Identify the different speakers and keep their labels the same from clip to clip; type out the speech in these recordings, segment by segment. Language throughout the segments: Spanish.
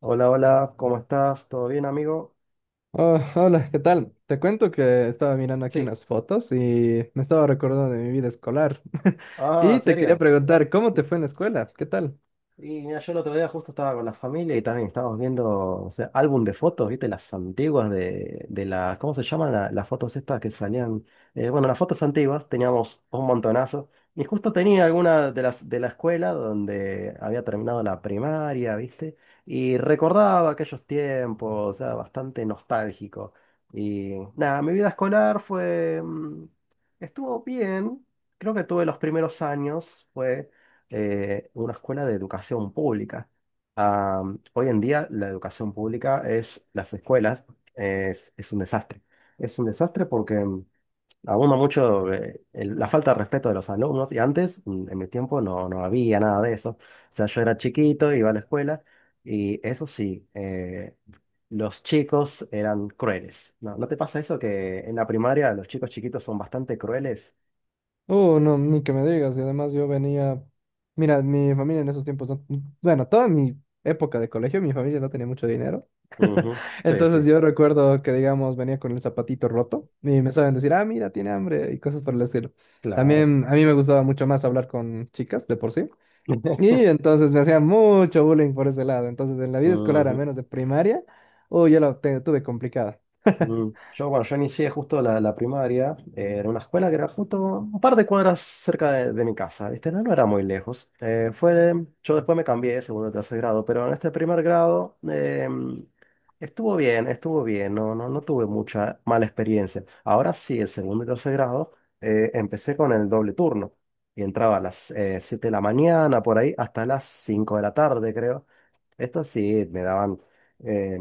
Speaker 1: Hola, hola, ¿cómo estás? ¿Todo bien, amigo?
Speaker 2: Ah, hola, ¿qué tal? Te cuento que estaba mirando aquí
Speaker 1: Sí.
Speaker 2: unas fotos y me estaba recordando de mi vida escolar.
Speaker 1: Ah, ¿en
Speaker 2: Y te quería
Speaker 1: serio?
Speaker 2: preguntar, ¿cómo te fue en la escuela? ¿Qué tal?
Speaker 1: Y mira, yo el otro día justo estaba con la familia y también estábamos viendo, o sea, álbum de fotos, ¿viste? Las antiguas de las, ¿cómo se llaman las fotos estas que salían? Bueno, las fotos antiguas teníamos un montonazo y justo tenía alguna de las de la escuela donde había terminado la primaria, ¿viste? Y recordaba aquellos tiempos, o sea, bastante nostálgico. Y nada, mi vida escolar fue, estuvo bien, creo que tuve los primeros años, fue una escuela de educación pública. Hoy en día la educación pública es, las escuelas, es un desastre. Es un desastre porque abunda mucho la falta de respeto de los alumnos y antes, en mi tiempo, no había nada de eso. O sea, yo era chiquito, iba a la escuela y eso sí, los chicos eran crueles. ¿No, no te pasa eso que en la primaria los chicos chiquitos son bastante crueles?
Speaker 2: Oh, no, ni que me digas. Y además yo venía, mira, mi familia en esos tiempos, no, bueno, toda mi época de colegio, mi familia no tenía mucho dinero.
Speaker 1: Ujú. Sí,
Speaker 2: Entonces
Speaker 1: sí,
Speaker 2: yo recuerdo que, digamos, venía con el zapatito roto y me saben decir, ah, mira, tiene hambre y cosas por el estilo.
Speaker 1: claro.
Speaker 2: También a mí me gustaba mucho más hablar con chicas de por sí. Y entonces me hacían mucho bullying por ese lado. Entonces, en la vida escolar, al
Speaker 1: Ujú.
Speaker 2: menos de primaria, yo tuve complicada.
Speaker 1: Mm. Bueno, yo inicié justo la primaria en una escuela que era justo un par de cuadras cerca de mi casa, ¿viste? No, no era muy lejos. Fue, yo después me cambié de segundo a tercer grado, pero en este primer grado, estuvo bien, no, no, no tuve mucha mala experiencia. Ahora sí, el segundo y tercer grado empecé con el doble turno y entraba a las 7 de la mañana, por ahí, hasta las 5 de la tarde, creo. Esto sí, eh,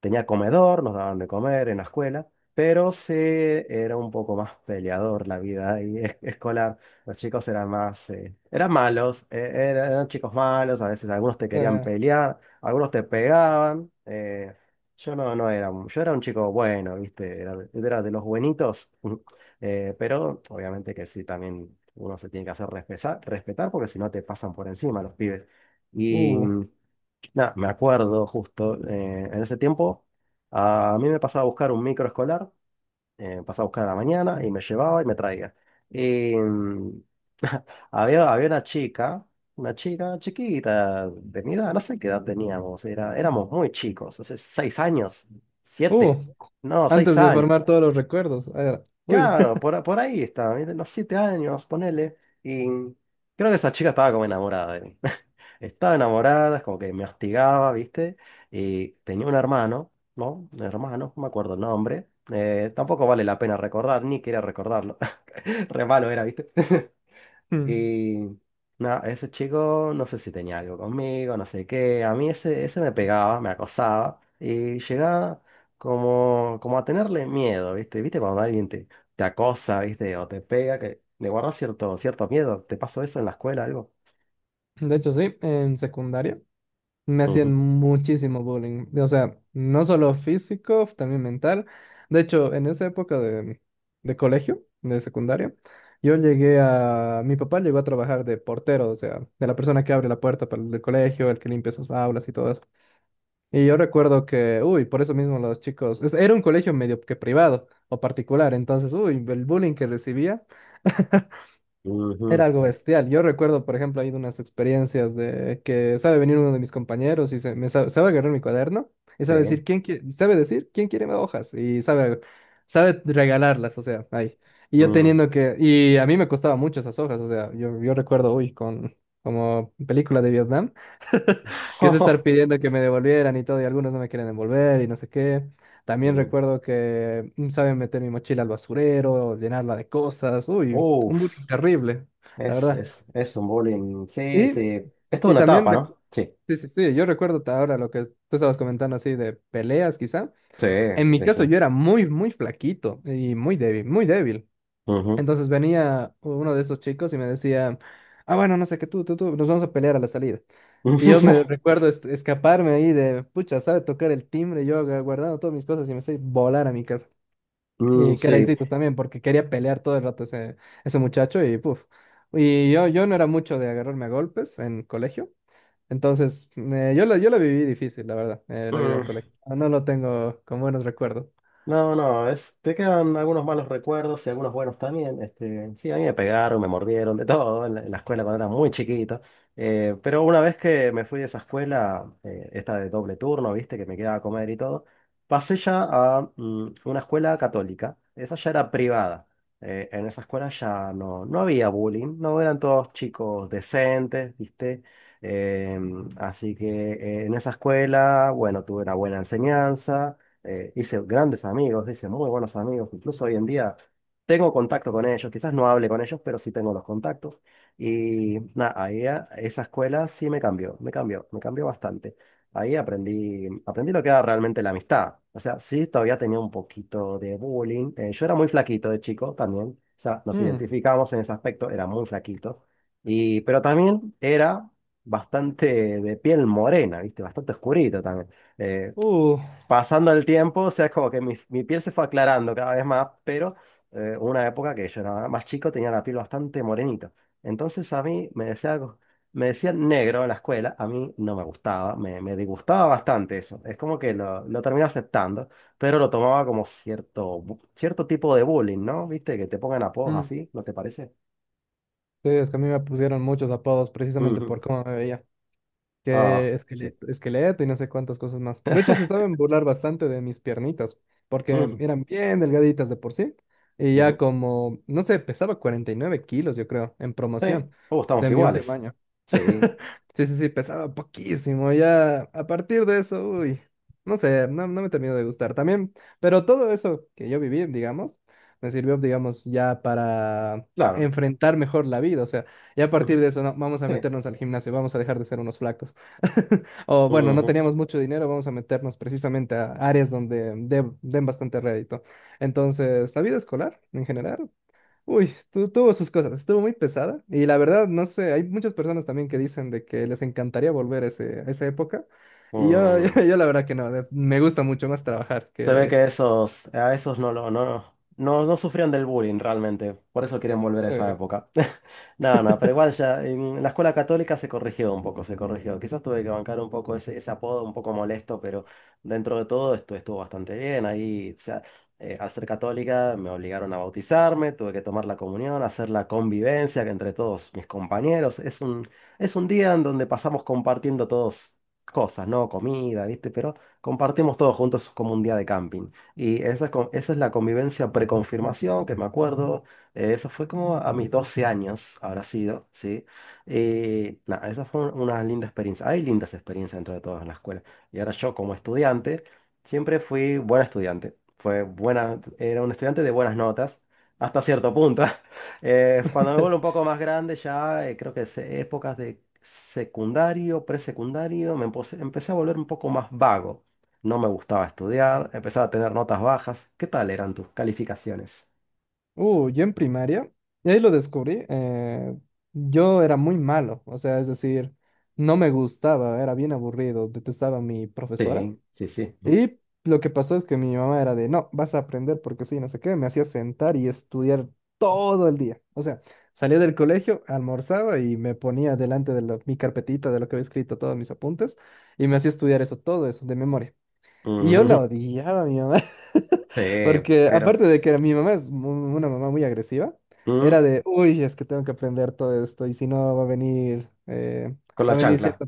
Speaker 1: tenía comedor, nos daban de comer en la escuela, pero sí era un poco más peleador la vida ahí escolar. Los chicos eran más, eran malos, eran, chicos malos, a veces algunos te querían
Speaker 2: Eh,
Speaker 1: pelear, algunos te pegaban. Yo no, no era, yo era un chico bueno, ¿viste? Era de los buenitos. Pero obviamente que sí, también uno se tiene que hacer respetar porque si no te pasan por encima los pibes. Y.
Speaker 2: uh,
Speaker 1: Nah, me acuerdo justo, en ese tiempo a mí me pasaba a buscar un micro escolar, pasaba a buscar a la mañana y me llevaba y me traía. Y había una chica chiquita de mi edad, no sé qué edad teníamos, éramos muy chicos, o sea, 6 años,
Speaker 2: uh,
Speaker 1: siete, no, seis
Speaker 2: Antes de
Speaker 1: años.
Speaker 2: formar todos los recuerdos. Uy.
Speaker 1: Claro, por ahí estaba, ¿viste? Unos 7 años, ponele. Y creo que esa chica estaba como enamorada de mí. Estaba enamorada, es como que me hostigaba, ¿viste? Y tenía un hermano, ¿no? Un hermano, no me acuerdo el nombre. Tampoco vale la pena recordar, ni quería recordarlo. Re malo era, ¿viste?
Speaker 2: Mm.
Speaker 1: Y nada, ese chico no sé si tenía algo conmigo, no sé qué. A mí ese me pegaba, me acosaba y llegaba como a tenerle miedo, ¿viste? ¿Viste cuando alguien te acosa, ¿viste? O te pega, que le guardas cierto miedo. ¿Te pasó eso en la escuela, algo?
Speaker 2: De hecho, sí, en secundaria me
Speaker 1: Ujú,
Speaker 2: hacían muchísimo bullying. O sea, no solo físico, también mental. De hecho, en esa época de colegio, de secundaria, yo llegué a... Mi papá llegó a trabajar de portero, o sea, de la persona que abre la puerta para el colegio, el que limpia sus aulas y todo eso. Y yo recuerdo que, uy, por eso mismo los chicos, era un colegio medio que privado o particular, entonces, uy, el bullying que recibía
Speaker 1: ujú.
Speaker 2: era algo bestial. Yo recuerdo, por ejemplo, ahí de unas experiencias de que sabe venir uno de mis compañeros y me sabe, sabe agarrar mi cuaderno y sabe
Speaker 1: Sí.
Speaker 2: decir sabe decir quién quiere más hojas y sabe regalarlas, o sea, ahí. Y yo
Speaker 1: Mm.
Speaker 2: teniendo que y a mí me costaba mucho esas hojas, o sea, yo recuerdo, uy, con como película de Vietnam quise estar pidiendo que me devolvieran y todo, y algunos no me quieren devolver y no sé qué. También
Speaker 1: Mm.
Speaker 2: recuerdo que saben meter mi mochila al basurero, llenarla de cosas. Uy, un
Speaker 1: Uf,
Speaker 2: bullying terrible, la
Speaker 1: es,
Speaker 2: verdad.
Speaker 1: es, es un bowling. Sí,
Speaker 2: Y,
Speaker 1: sí. Esto es
Speaker 2: y
Speaker 1: una
Speaker 2: también,
Speaker 1: etapa, ¿no? Sí.
Speaker 2: sí, yo recuerdo ahora lo que tú estabas comentando así de peleas, quizá.
Speaker 1: Sí,
Speaker 2: En mi
Speaker 1: sí,
Speaker 2: caso
Speaker 1: sí.
Speaker 2: yo era muy flaquito y muy débil, muy débil.
Speaker 1: Ujú.
Speaker 2: Entonces venía uno de esos chicos y me decía, ah, bueno, no sé qué, tú, nos vamos a pelear a la salida. Y yo me recuerdo escaparme ahí de, pucha, sabe tocar el timbre, guardando todas mis cosas y me sé volar a mi casa.
Speaker 1: Mm,
Speaker 2: Y
Speaker 1: sí.
Speaker 2: caraycitos también, porque quería pelear todo el rato ese muchacho y puf. Y yo no era mucho de agarrarme a golpes en colegio, entonces yo la viví difícil, la verdad, la vida en
Speaker 1: Mm.
Speaker 2: colegio. Ah, no lo tengo con buenos recuerdos.
Speaker 1: No, no, es, te quedan algunos malos recuerdos y algunos buenos también. Este, sí, a mí me pegaron, me mordieron, de todo en la escuela cuando era muy chiquito. Pero una vez que me fui de esa escuela, esta de doble turno, viste, que me quedaba a comer y todo, pasé ya a una escuela católica. Esa ya era privada. En esa escuela ya no había bullying, no eran todos chicos decentes, viste. Así que en esa escuela, bueno, tuve una buena enseñanza, hice grandes amigos, hice muy buenos amigos, incluso hoy en día tengo contacto con ellos, quizás no hable con ellos, pero sí tengo los contactos. Y nada, ahí esa escuela sí me cambió, me cambió, me cambió bastante. Ahí aprendí, aprendí lo que era realmente la amistad. O sea, sí, todavía tenía un poquito de bullying. Yo era muy flaquito de chico también. O sea, nos
Speaker 2: Mm,
Speaker 1: identificamos en ese aspecto, era muy flaquito. Y pero también era bastante de piel morena, ¿viste? Bastante oscurito también. Eh,
Speaker 2: uh,
Speaker 1: Pasando el tiempo, o sea, es como que mi piel se fue aclarando cada vez más, pero una época que yo era más chico tenía la piel bastante morenita. Entonces a mí me decían negro en la escuela, a mí no me gustaba, me disgustaba bastante eso. Es como que lo terminé aceptando, pero lo tomaba como cierto, cierto tipo de bullying, ¿no? ¿Viste? Que te pongan apodos
Speaker 2: mm.
Speaker 1: así, ¿no te parece?
Speaker 2: Sí, es que a mí me pusieron muchos apodos precisamente
Speaker 1: Ujú.
Speaker 2: por cómo me veía.
Speaker 1: Ah,
Speaker 2: Que
Speaker 1: sí.
Speaker 2: esqueleto, esqueleto y no sé cuántas cosas más. De hecho, se saben burlar bastante de mis piernitas, porque
Speaker 1: Ujú,
Speaker 2: eran bien delgaditas de por sí, y ya
Speaker 1: ujú.
Speaker 2: como, no sé, pesaba 49 kilos, yo creo, en
Speaker 1: Sí.
Speaker 2: promoción,
Speaker 1: Oh, estamos
Speaker 2: de mi último
Speaker 1: iguales.
Speaker 2: año.
Speaker 1: Sí,
Speaker 2: Sí, pesaba poquísimo. Ya a partir de eso, uy, no sé, no, no me terminó de gustar también. Pero todo eso que yo viví, digamos, me sirvió, digamos, ya para
Speaker 1: claro.
Speaker 2: enfrentar mejor la vida. O sea, ya a partir
Speaker 1: Ujú.
Speaker 2: de eso, no, vamos a
Speaker 1: Sí.
Speaker 2: meternos al gimnasio, vamos a dejar de ser unos flacos. O bueno, no
Speaker 1: Ujú.
Speaker 2: teníamos mucho dinero, vamos a meternos precisamente a áreas donde den bastante rédito. Entonces, la vida escolar en general. Uy, tuvo sus cosas, estuvo muy pesada y la verdad, no sé, hay muchas personas también que dicen de que les encantaría volver a, a esa época y yo,
Speaker 1: Mm,
Speaker 2: yo la verdad que no, de- me gusta mucho más trabajar
Speaker 1: Se ve
Speaker 2: que...
Speaker 1: que esos, a esos no lo, no, no, no, no sufrían del bullying realmente. Por eso quieren volver a esa
Speaker 2: eh.
Speaker 1: época. No, no, pero igual ya en la escuela católica se corrigió un poco, se corrigió. Quizás tuve que bancar un poco ese, ese apodo un poco molesto, pero dentro de todo esto estuvo bastante bien. Ahí, o sea, al ser católica me obligaron a bautizarme, tuve que tomar la comunión, hacer la convivencia que entre todos mis compañeros. Es un día en donde pasamos compartiendo todos cosas, ¿no? Comida, ¿viste? Pero compartimos todos juntos como un día de camping. Y esa es, esa es la convivencia preconfirmación, que me acuerdo, eso fue como a mis 12 años, habrá sido, ¿sí? Y nada, esa fue una linda experiencia. Hay lindas experiencias dentro de todas en la escuela. Y ahora yo como estudiante, siempre fui buen estudiante. Fue buena, era un estudiante de buenas notas, hasta cierto punto. Cuando me vuelvo un poco más grande, ya creo que épocas de secundario, presecundario, empecé a volver un poco más vago. No me gustaba estudiar, empezaba a tener notas bajas. ¿Qué tal eran tus calificaciones?
Speaker 2: Yo en primaria, y ahí lo descubrí, yo era muy malo, o sea, es decir, no me gustaba, era bien aburrido, detestaba a mi profesora.
Speaker 1: Sí, sí, sí.
Speaker 2: Y lo que pasó es que mi mamá era de, no, vas a aprender porque sí, no sé qué, me hacía sentar y estudiar todo el día. O sea, salía del colegio, almorzaba y me ponía delante de mi carpetita de lo que había escrito todos mis apuntes y me hacía estudiar eso, todo eso, de memoria. Y yo la
Speaker 1: Ujú.
Speaker 2: odiaba a mi mamá,
Speaker 1: Sí,
Speaker 2: porque
Speaker 1: pero
Speaker 2: aparte de que mi mamá es mu- una mamá muy agresiva, era
Speaker 1: mm,
Speaker 2: de, uy, es que tengo que aprender todo esto y si no va a venir,
Speaker 1: con la
Speaker 2: va a venir
Speaker 1: chancla.
Speaker 2: cierto...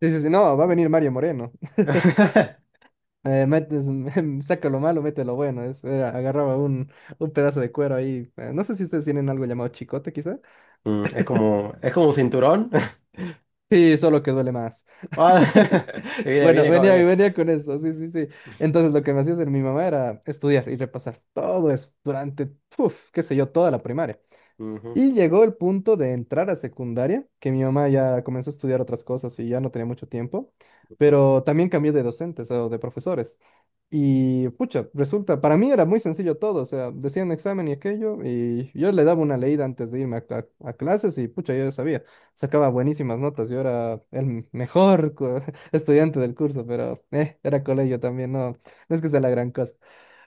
Speaker 2: Sí, no, va a venir Mario Moreno. Metes, saca lo malo, mete lo bueno. Es, agarraba un pedazo de cuero ahí. No sé si ustedes tienen algo llamado chicote, quizá.
Speaker 1: Es como un cinturón.
Speaker 2: Sí, solo que duele más.
Speaker 1: Ah, viene,
Speaker 2: Bueno,
Speaker 1: viene como
Speaker 2: venía,
Speaker 1: bien.
Speaker 2: venía con eso, sí, Entonces lo que me hacía hacer mi mamá era estudiar y repasar todo eso durante, uf, qué sé yo, toda la primaria.
Speaker 1: Ujú,
Speaker 2: Y llegó el punto de entrar a secundaria, que mi mamá ya comenzó a estudiar otras cosas y ya no tenía mucho tiempo,
Speaker 1: ujú.
Speaker 2: pero también cambié de docentes o de profesores. Y pucha, resulta, para mí era muy sencillo todo, o sea, decían examen y aquello, y yo le daba una leída antes de irme a, a clases y pucha, yo ya sabía, sacaba buenísimas notas, yo era el mejor estudiante del curso, pero era colegio también, no, no es que sea la gran cosa.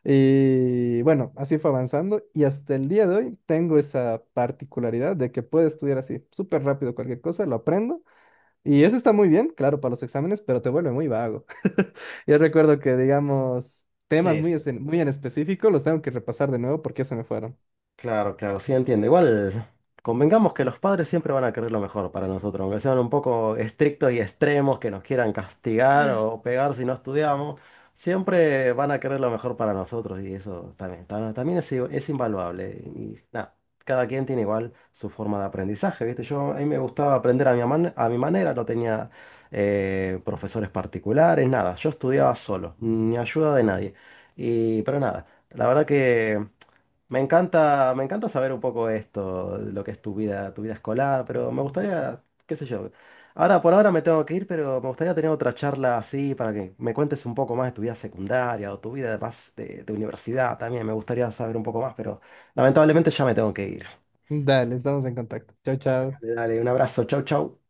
Speaker 2: Y bueno, así fue avanzando y hasta el día de hoy tengo esa particularidad de que puedo estudiar así, súper rápido cualquier cosa, lo aprendo y eso está muy bien, claro, para los exámenes, pero te vuelve muy vago. Yo recuerdo que, digamos, temas
Speaker 1: Sí,
Speaker 2: es-
Speaker 1: sí.
Speaker 2: muy en específico los tengo que repasar de nuevo porque ya se me fueron.
Speaker 1: Claro, claro, sí entiendo. Igual, convengamos que los padres siempre van a querer lo mejor para nosotros, aunque sean un poco estrictos y extremos, que nos quieran castigar o pegar si no estudiamos, siempre van a querer lo mejor para nosotros y eso también, también es, es invaluable. Y nada, cada quien tiene igual su forma de aprendizaje, ¿viste? Yo a mí me gustaba aprender a mi, a mi manera, no tenía profesores particulares, nada, yo estudiaba solo, ni ayuda de nadie. Y pero nada, la verdad que. Me encanta saber un poco esto, de lo que es tu vida escolar, pero me gustaría, qué sé yo. Ahora, por ahora me tengo que ir, pero me gustaría tener otra charla así para que me cuentes un poco más de tu vida secundaria o tu vida más de universidad también. Me gustaría saber un poco más, pero lamentablemente ya me tengo que ir.
Speaker 2: Dale, estamos en contacto. Chao, chao.
Speaker 1: Dale, dale, un abrazo, chau, chau.